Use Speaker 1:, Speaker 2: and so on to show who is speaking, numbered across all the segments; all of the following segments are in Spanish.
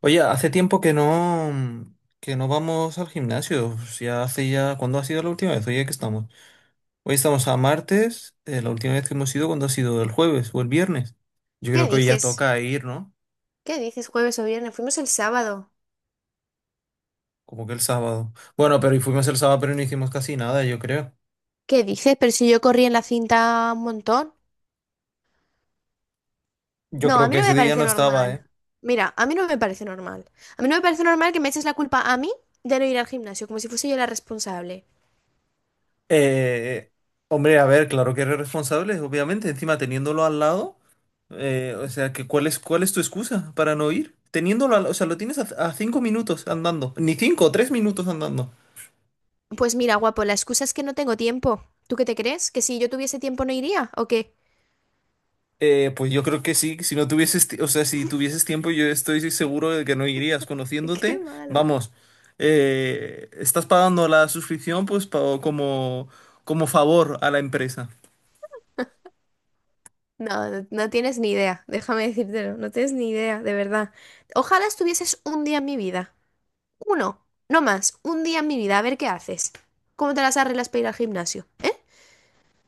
Speaker 1: Oye, hace tiempo que no, que no vamos al gimnasio. Si Ya hace ya. ¿Cuándo ha sido la última vez? Oye, que estamos. Hoy estamos a martes. La última vez que hemos ido, ¿cuándo ha sido? ¿El jueves o el viernes? Yo creo
Speaker 2: ¿Qué
Speaker 1: que hoy ya
Speaker 2: dices?
Speaker 1: toca ir, ¿no?
Speaker 2: ¿Qué dices jueves o viernes? Fuimos el sábado.
Speaker 1: Como que el sábado. Bueno, pero fuimos el sábado, pero no hicimos casi nada, yo creo.
Speaker 2: ¿Qué dices? Pero si yo corrí en la cinta un montón.
Speaker 1: Yo
Speaker 2: No, a
Speaker 1: creo
Speaker 2: mí
Speaker 1: que
Speaker 2: no
Speaker 1: ese
Speaker 2: me
Speaker 1: día no
Speaker 2: parece normal.
Speaker 1: estaba, ¿eh?
Speaker 2: Mira, a mí no me parece normal. A mí no me parece normal que me eches la culpa a mí de no ir al gimnasio, como si fuese yo la responsable.
Speaker 1: Eh, Hombre, a ver, claro que eres responsable, obviamente, encima teniéndolo al lado, o sea, ¿que cuál es tu excusa para no ir? O sea, lo tienes a cinco minutos andando, ni cinco, tres minutos andando.
Speaker 2: Pues mira, guapo, la excusa es que no tengo tiempo. ¿Tú qué te crees? ¿Que si yo tuviese tiempo no iría? ¿O qué?
Speaker 1: Pues yo creo que sí, si no tuvieses, ti- o sea, si tuvieses tiempo, yo estoy seguro de que no irías
Speaker 2: Qué
Speaker 1: conociéndote.
Speaker 2: malo.
Speaker 1: Vamos, estás pagando la suscripción, pues como, como favor a la empresa.
Speaker 2: No, no, no tienes ni idea. Déjame decírtelo. No tienes ni idea, de verdad. Ojalá estuvieses un día en mi vida. Uno, no más, un día en mi vida, a ver qué haces. ¿Cómo te las arreglas para ir al gimnasio?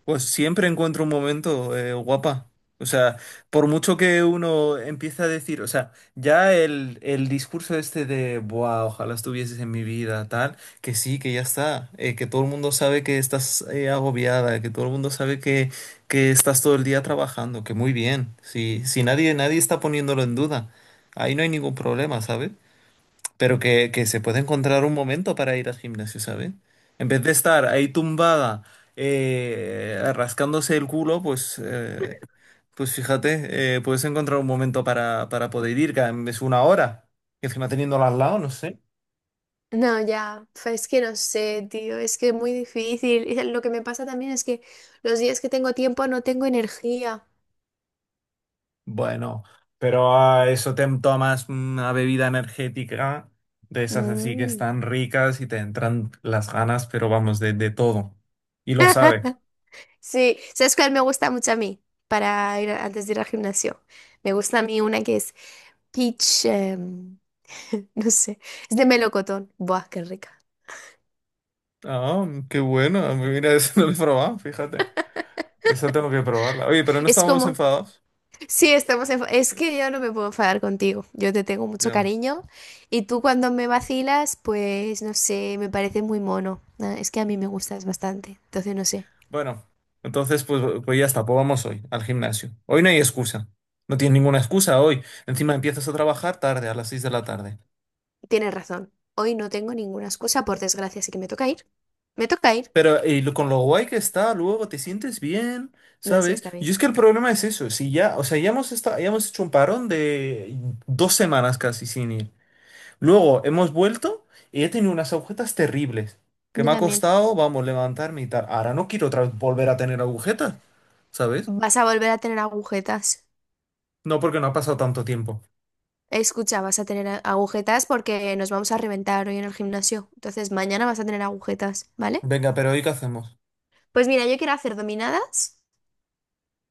Speaker 1: Pues siempre encuentro un momento, guapa. O sea, por mucho que uno empieza a decir, o sea, ya el discurso este de: "Buah, ojalá estuvieses en mi vida, tal", que sí, que ya está, que todo el mundo sabe que estás, agobiada, que todo el mundo sabe que estás todo el día trabajando, que muy bien, si nadie está poniéndolo en duda, ahí no hay ningún problema, ¿sabes? Pero que se puede encontrar un momento para ir al gimnasio, ¿sabes? En vez de estar ahí tumbada, rascándose el culo, pues, pues fíjate, puedes encontrar un momento para poder ir, que es una hora. Y encima teniéndola al lado, no sé.
Speaker 2: No, ya, es que no sé, tío, es que es muy difícil. Y lo que me pasa también es que los días que tengo tiempo no tengo energía.
Speaker 1: Bueno, pero a eso te tomas una bebida energética de esas así que
Speaker 2: Mm.
Speaker 1: están ricas y te entran las ganas, pero vamos, de todo. Y lo sabes.
Speaker 2: Sí, ¿sabes cuál me gusta mucho a mí para ir antes de ir al gimnasio? Me gusta a mí una que es peach, no sé, es de melocotón. Buah, qué rica.
Speaker 1: Ah, qué bueno. Mira, eso no lo he probado, fíjate. Esa tengo que probarla. Oye, pero no
Speaker 2: Es
Speaker 1: estábamos
Speaker 2: como.
Speaker 1: enfadados.
Speaker 2: Sí, estamos es que yo no me puedo enfadar contigo. Yo te tengo mucho
Speaker 1: Ya.
Speaker 2: cariño y tú cuando me vacilas, pues no sé, me parece muy mono. Ah, es que a mí me gustas bastante. Entonces, no sé.
Speaker 1: Bueno, entonces pues ya está, pues vamos hoy al gimnasio. Hoy no hay excusa. No tienes ninguna excusa hoy. Encima empiezas a trabajar tarde, a las 6 de la tarde.
Speaker 2: Tienes razón. Hoy no tengo ninguna excusa, por desgracia, así que me toca ir. Me toca ir.
Speaker 1: Pero con lo guay que está, luego te sientes bien,
Speaker 2: No, sí,
Speaker 1: ¿sabes?
Speaker 2: está
Speaker 1: Y
Speaker 2: bien.
Speaker 1: es que el problema es eso. Si ya, o sea, ya hemos estado, ya hemos hecho un parón de dos semanas casi sin ir. Luego hemos vuelto y he tenido unas agujetas terribles. Que
Speaker 2: Yo
Speaker 1: me ha
Speaker 2: también.
Speaker 1: costado, vamos, levantarme y tal. Ahora no quiero otra vez volver a tener agujetas, ¿sabes?
Speaker 2: Vas a volver a tener agujetas.
Speaker 1: No, porque no ha pasado tanto tiempo.
Speaker 2: Escucha, vas a tener agujetas porque nos vamos a reventar hoy en el gimnasio. Entonces, mañana vas a tener agujetas, ¿vale?
Speaker 1: Venga, ¿pero hoy qué hacemos?
Speaker 2: Pues mira, yo quiero hacer dominadas.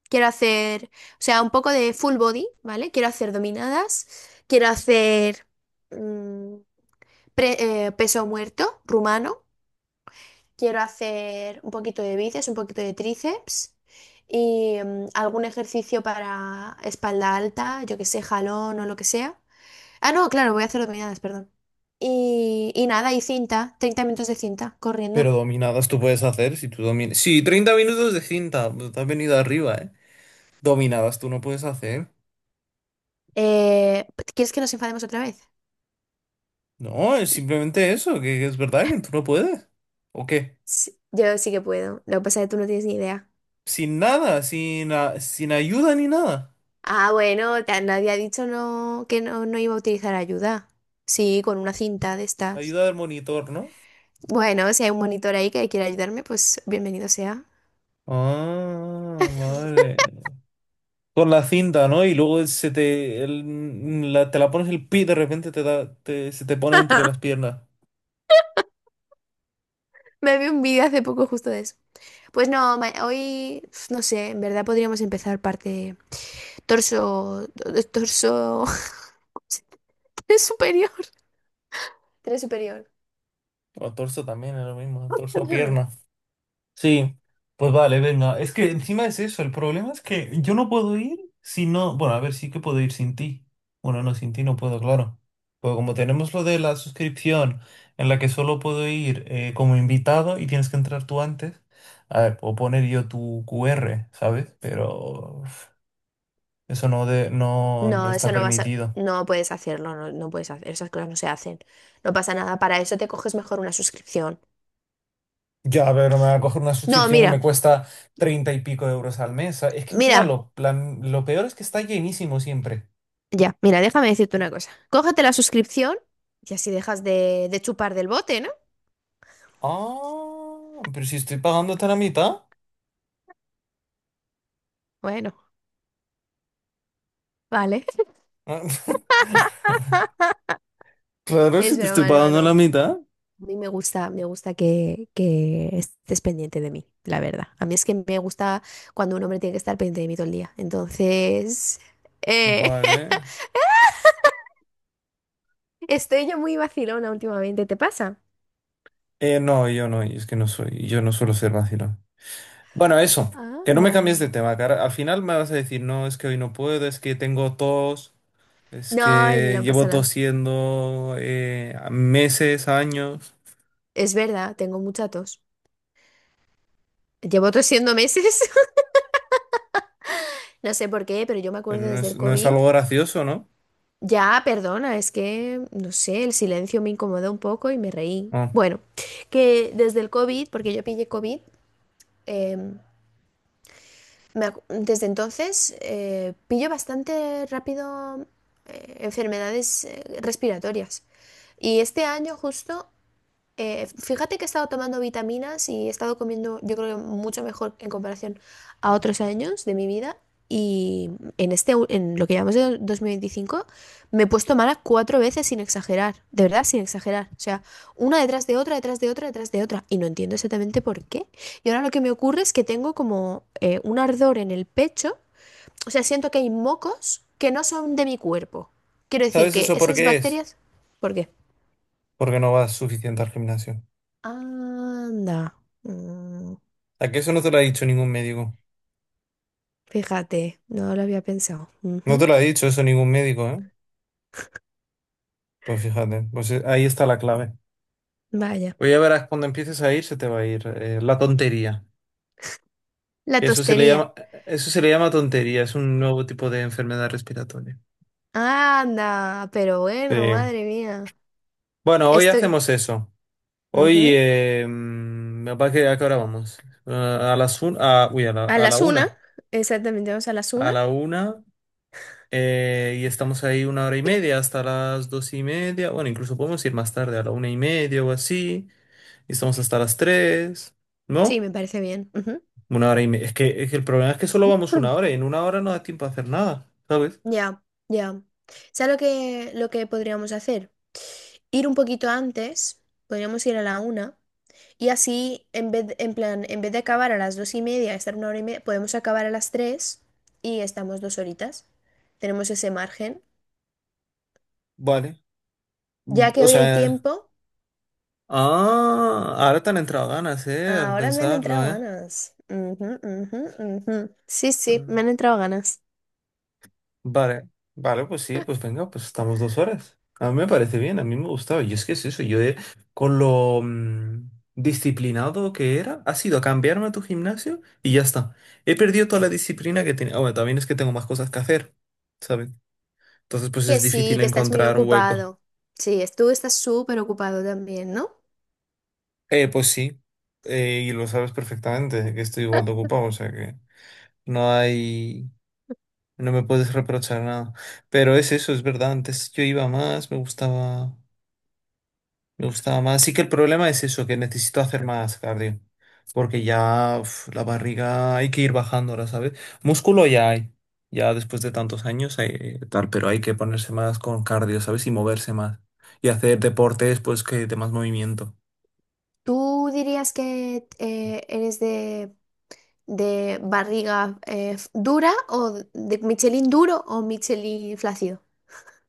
Speaker 2: Quiero hacer, o sea, un poco de full body, ¿vale? Quiero hacer dominadas, quiero hacer mm, peso muerto rumano, quiero hacer un poquito de bíceps, un poquito de tríceps y algún ejercicio para espalda alta, yo que sé, jalón o lo que sea. Ah, no, claro, voy a hacer dominadas, perdón. Y nada, y cinta, 30 minutos de cinta,
Speaker 1: Pero
Speaker 2: corriendo.
Speaker 1: dominadas tú puedes hacer si tú dominas. Sí, 30 minutos de cinta. Te has venido arriba, ¿eh? Dominadas tú no puedes hacer.
Speaker 2: Eh, ¿Quieres que nos enfademos otra vez?
Speaker 1: No, es simplemente eso, que es verdad que tú no puedes. ¿O qué?
Speaker 2: Sí, yo sí que puedo, lo que pasa es que tú no tienes ni idea.
Speaker 1: Sin nada, sin ayuda ni nada.
Speaker 2: Ah, bueno, nadie ha dicho no, que no, no iba a utilizar ayuda. Sí, con una cinta de estas.
Speaker 1: Ayuda del monitor, ¿no?
Speaker 2: Bueno, si hay un monitor ahí que quiera ayudarme, pues bienvenido sea.
Speaker 1: Ah, vale. Con la cinta, ¿no? Y luego se te, te la pones el pie y de repente se te pone entre las piernas.
Speaker 2: Me vi un vídeo hace poco justo de eso. Pues no, hoy, no sé, en verdad podríamos empezar parte torso, torso tres superior. Tres superior.
Speaker 1: O torso también, es lo mismo, torso, pierna. Sí, pues vale, venga. Es que encima es eso, el problema es que yo no puedo ir si no. Bueno, a ver, sí que puedo ir sin ti. Bueno, no, sin ti no puedo, claro. Pues como tenemos lo de la suscripción en la que solo puedo ir, como invitado, y tienes que entrar tú antes, a ver, puedo poner yo tu QR, ¿sabes? Pero. Eso no, no, no
Speaker 2: No,
Speaker 1: está
Speaker 2: eso no vas a,
Speaker 1: permitido.
Speaker 2: no puedes hacerlo, no, no puedes hacer, esas cosas no se hacen. No pasa nada, para eso te coges mejor una suscripción.
Speaker 1: Ya, pero me va a coger una
Speaker 2: No,
Speaker 1: suscripción que me
Speaker 2: mira,
Speaker 1: cuesta treinta y pico de euros al mes. Es que encima
Speaker 2: mira.
Speaker 1: lo peor es que está llenísimo siempre.
Speaker 2: Ya, mira, déjame decirte una cosa. Cógete la suscripción y así dejas de chupar del bote, ¿no?
Speaker 1: Ah, pero si estoy pagando hasta la mitad.
Speaker 2: Bueno, vale.
Speaker 1: Claro,
Speaker 2: Es
Speaker 1: si te estoy
Speaker 2: broma, no,
Speaker 1: pagando
Speaker 2: no.
Speaker 1: la mitad.
Speaker 2: A mí me gusta que estés pendiente de mí, la verdad. A mí es que me gusta cuando un hombre tiene que estar pendiente de mí todo el día. Entonces, eh,
Speaker 1: Vale.
Speaker 2: estoy yo muy vacilona últimamente, ¿te pasa?
Speaker 1: No, yo no, es que no soy, yo no suelo ser vacilón. Bueno, eso, que no me
Speaker 2: Anda.
Speaker 1: cambies de tema, cara. Al final me vas a decir: "No, es que hoy no puedo, es que tengo tos. Es
Speaker 2: No,
Speaker 1: que
Speaker 2: no pasa
Speaker 1: llevo
Speaker 2: nada.
Speaker 1: tosiendo, meses, años",
Speaker 2: Es verdad, tengo mucha tos. Llevo tosiendo meses. No sé por qué, pero yo me
Speaker 1: pero
Speaker 2: acuerdo
Speaker 1: no
Speaker 2: desde
Speaker 1: es,
Speaker 2: el
Speaker 1: no es
Speaker 2: COVID.
Speaker 1: algo gracioso, ¿no?
Speaker 2: Ya, perdona, es que, no sé, el silencio me incomodó un poco y me reí.
Speaker 1: No.
Speaker 2: Bueno, que desde el COVID, porque yo pillé COVID, em, desde entonces pillo bastante rápido enfermedades respiratorias. Y este año justo fíjate que he estado tomando vitaminas y he estado comiendo, yo creo que mucho mejor en comparación a otros años de mi vida. Y en lo que llamamos de 2025, me he puesto mala cuatro veces sin exagerar, de verdad sin exagerar. O sea, una detrás de otra, detrás de otra, detrás de otra. Y no entiendo exactamente por qué. Y ahora lo que me ocurre es que tengo como un ardor en el pecho. O sea, siento que hay mocos que no son de mi cuerpo. Quiero decir
Speaker 1: ¿Sabes
Speaker 2: que
Speaker 1: eso por
Speaker 2: esas
Speaker 1: qué es?
Speaker 2: bacterias... ¿Por qué?
Speaker 1: Porque no vas suficiente al gimnasio.
Speaker 2: Anda. Mm,
Speaker 1: ¿A que eso no te lo ha dicho ningún médico?
Speaker 2: Fíjate, no lo había pensado.
Speaker 1: No te
Speaker 2: Ujú.
Speaker 1: lo ha dicho eso ningún médico, ¿eh? Pues fíjate, pues ahí está la clave.
Speaker 2: Vaya.
Speaker 1: Pues ya verás, cuando empieces a ir se te va a ir, la tontería.
Speaker 2: La
Speaker 1: Eso se le
Speaker 2: tostería.
Speaker 1: llama, eso se le llama tontería, es un nuevo tipo de enfermedad respiratoria.
Speaker 2: Anda, pero
Speaker 1: Sí.
Speaker 2: bueno, madre mía.
Speaker 1: Bueno, hoy
Speaker 2: Estoy.
Speaker 1: hacemos eso.
Speaker 2: Ujú.
Speaker 1: Oye, mm, ¿capaz que a qué hora vamos? Ah, a las un, a, uy,
Speaker 2: A
Speaker 1: a la
Speaker 2: las una.
Speaker 1: una.
Speaker 2: Exactamente, vamos a las
Speaker 1: A
Speaker 2: una.
Speaker 1: la una, y estamos ahí una hora y media, hasta las dos y media. Bueno, incluso podemos ir más tarde, a la una y media o así. Y estamos hasta las tres,
Speaker 2: Sí,
Speaker 1: ¿no?
Speaker 2: me parece bien.
Speaker 1: Una hora y media. Es que el problema es que solo vamos una
Speaker 2: Ujú.
Speaker 1: hora, y en una hora no da tiempo a hacer nada, ¿sabes?
Speaker 2: Ya, ya. ¿Sabes lo que podríamos hacer? Ir un poquito antes. Podríamos ir a la una. Y así, en plan, en vez de acabar a las dos y media, estar una hora y media, podemos acabar a las tres y estamos dos horitas. Tenemos ese margen.
Speaker 1: Vale. Mm,
Speaker 2: Ya que
Speaker 1: o
Speaker 2: hoy hay
Speaker 1: sea,
Speaker 2: tiempo,
Speaker 1: ah, ahora te han entrado ganas, ¿eh? Al
Speaker 2: ahora me han
Speaker 1: pensarlo,
Speaker 2: entrado
Speaker 1: ¿eh?
Speaker 2: ganas. Ujú, ujú, ujú. Sí, sí,
Speaker 1: Ah.
Speaker 2: me han entrado ganas.
Speaker 1: Vale, vale, pues sí, pues venga, pues estamos dos horas. A mí me parece bien, a mí me gustaba. Y es que es eso, con lo, disciplinado que era, ha sido a cambiarme a tu gimnasio y ya está. He perdido toda la disciplina que tenía. Ah, bueno, también es que tengo más cosas que hacer, ¿sabes? Entonces, pues
Speaker 2: Que
Speaker 1: es
Speaker 2: sí,
Speaker 1: difícil
Speaker 2: que estás muy
Speaker 1: encontrar un hueco.
Speaker 2: ocupado. Sí, tú estás súper ocupado también, ¿no?
Speaker 1: Pues sí, y lo sabes perfectamente, que estoy igual de ocupado, o sea que no hay, no me puedes reprochar nada. Pero es eso, es verdad, antes yo iba más, me gustaba... Me gustaba más. Sí que el problema es eso, que necesito hacer más cardio. Porque ya uf, la barriga hay que ir bajándola, ¿sabes? Músculo ya hay. Ya después de tantos años hay tal, pero hay que ponerse más con cardio, ¿sabes? Y moverse más. Y hacer deportes, pues, que de más movimiento.
Speaker 2: ¿Tú dirías que eres de barriga dura o de Michelin duro o Michelin flácido?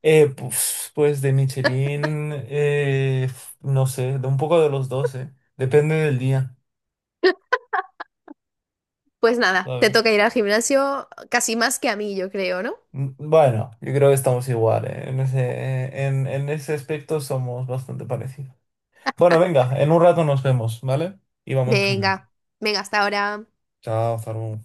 Speaker 1: Pues, pues de Michelin, no sé, de un poco de los dos, ¿eh? Depende del día,
Speaker 2: Pues nada, te
Speaker 1: ¿sabes?
Speaker 2: toca ir al gimnasio casi más que a mí, yo creo, ¿no?
Speaker 1: Mm, bueno, yo creo que estamos igual, ¿eh? En ese, en ese aspecto somos bastante parecidos. Bueno, venga, en un rato nos vemos, ¿vale? Y vamos al gimnasio.
Speaker 2: Venga, venga, hasta ahora.
Speaker 1: Chao, Zaru.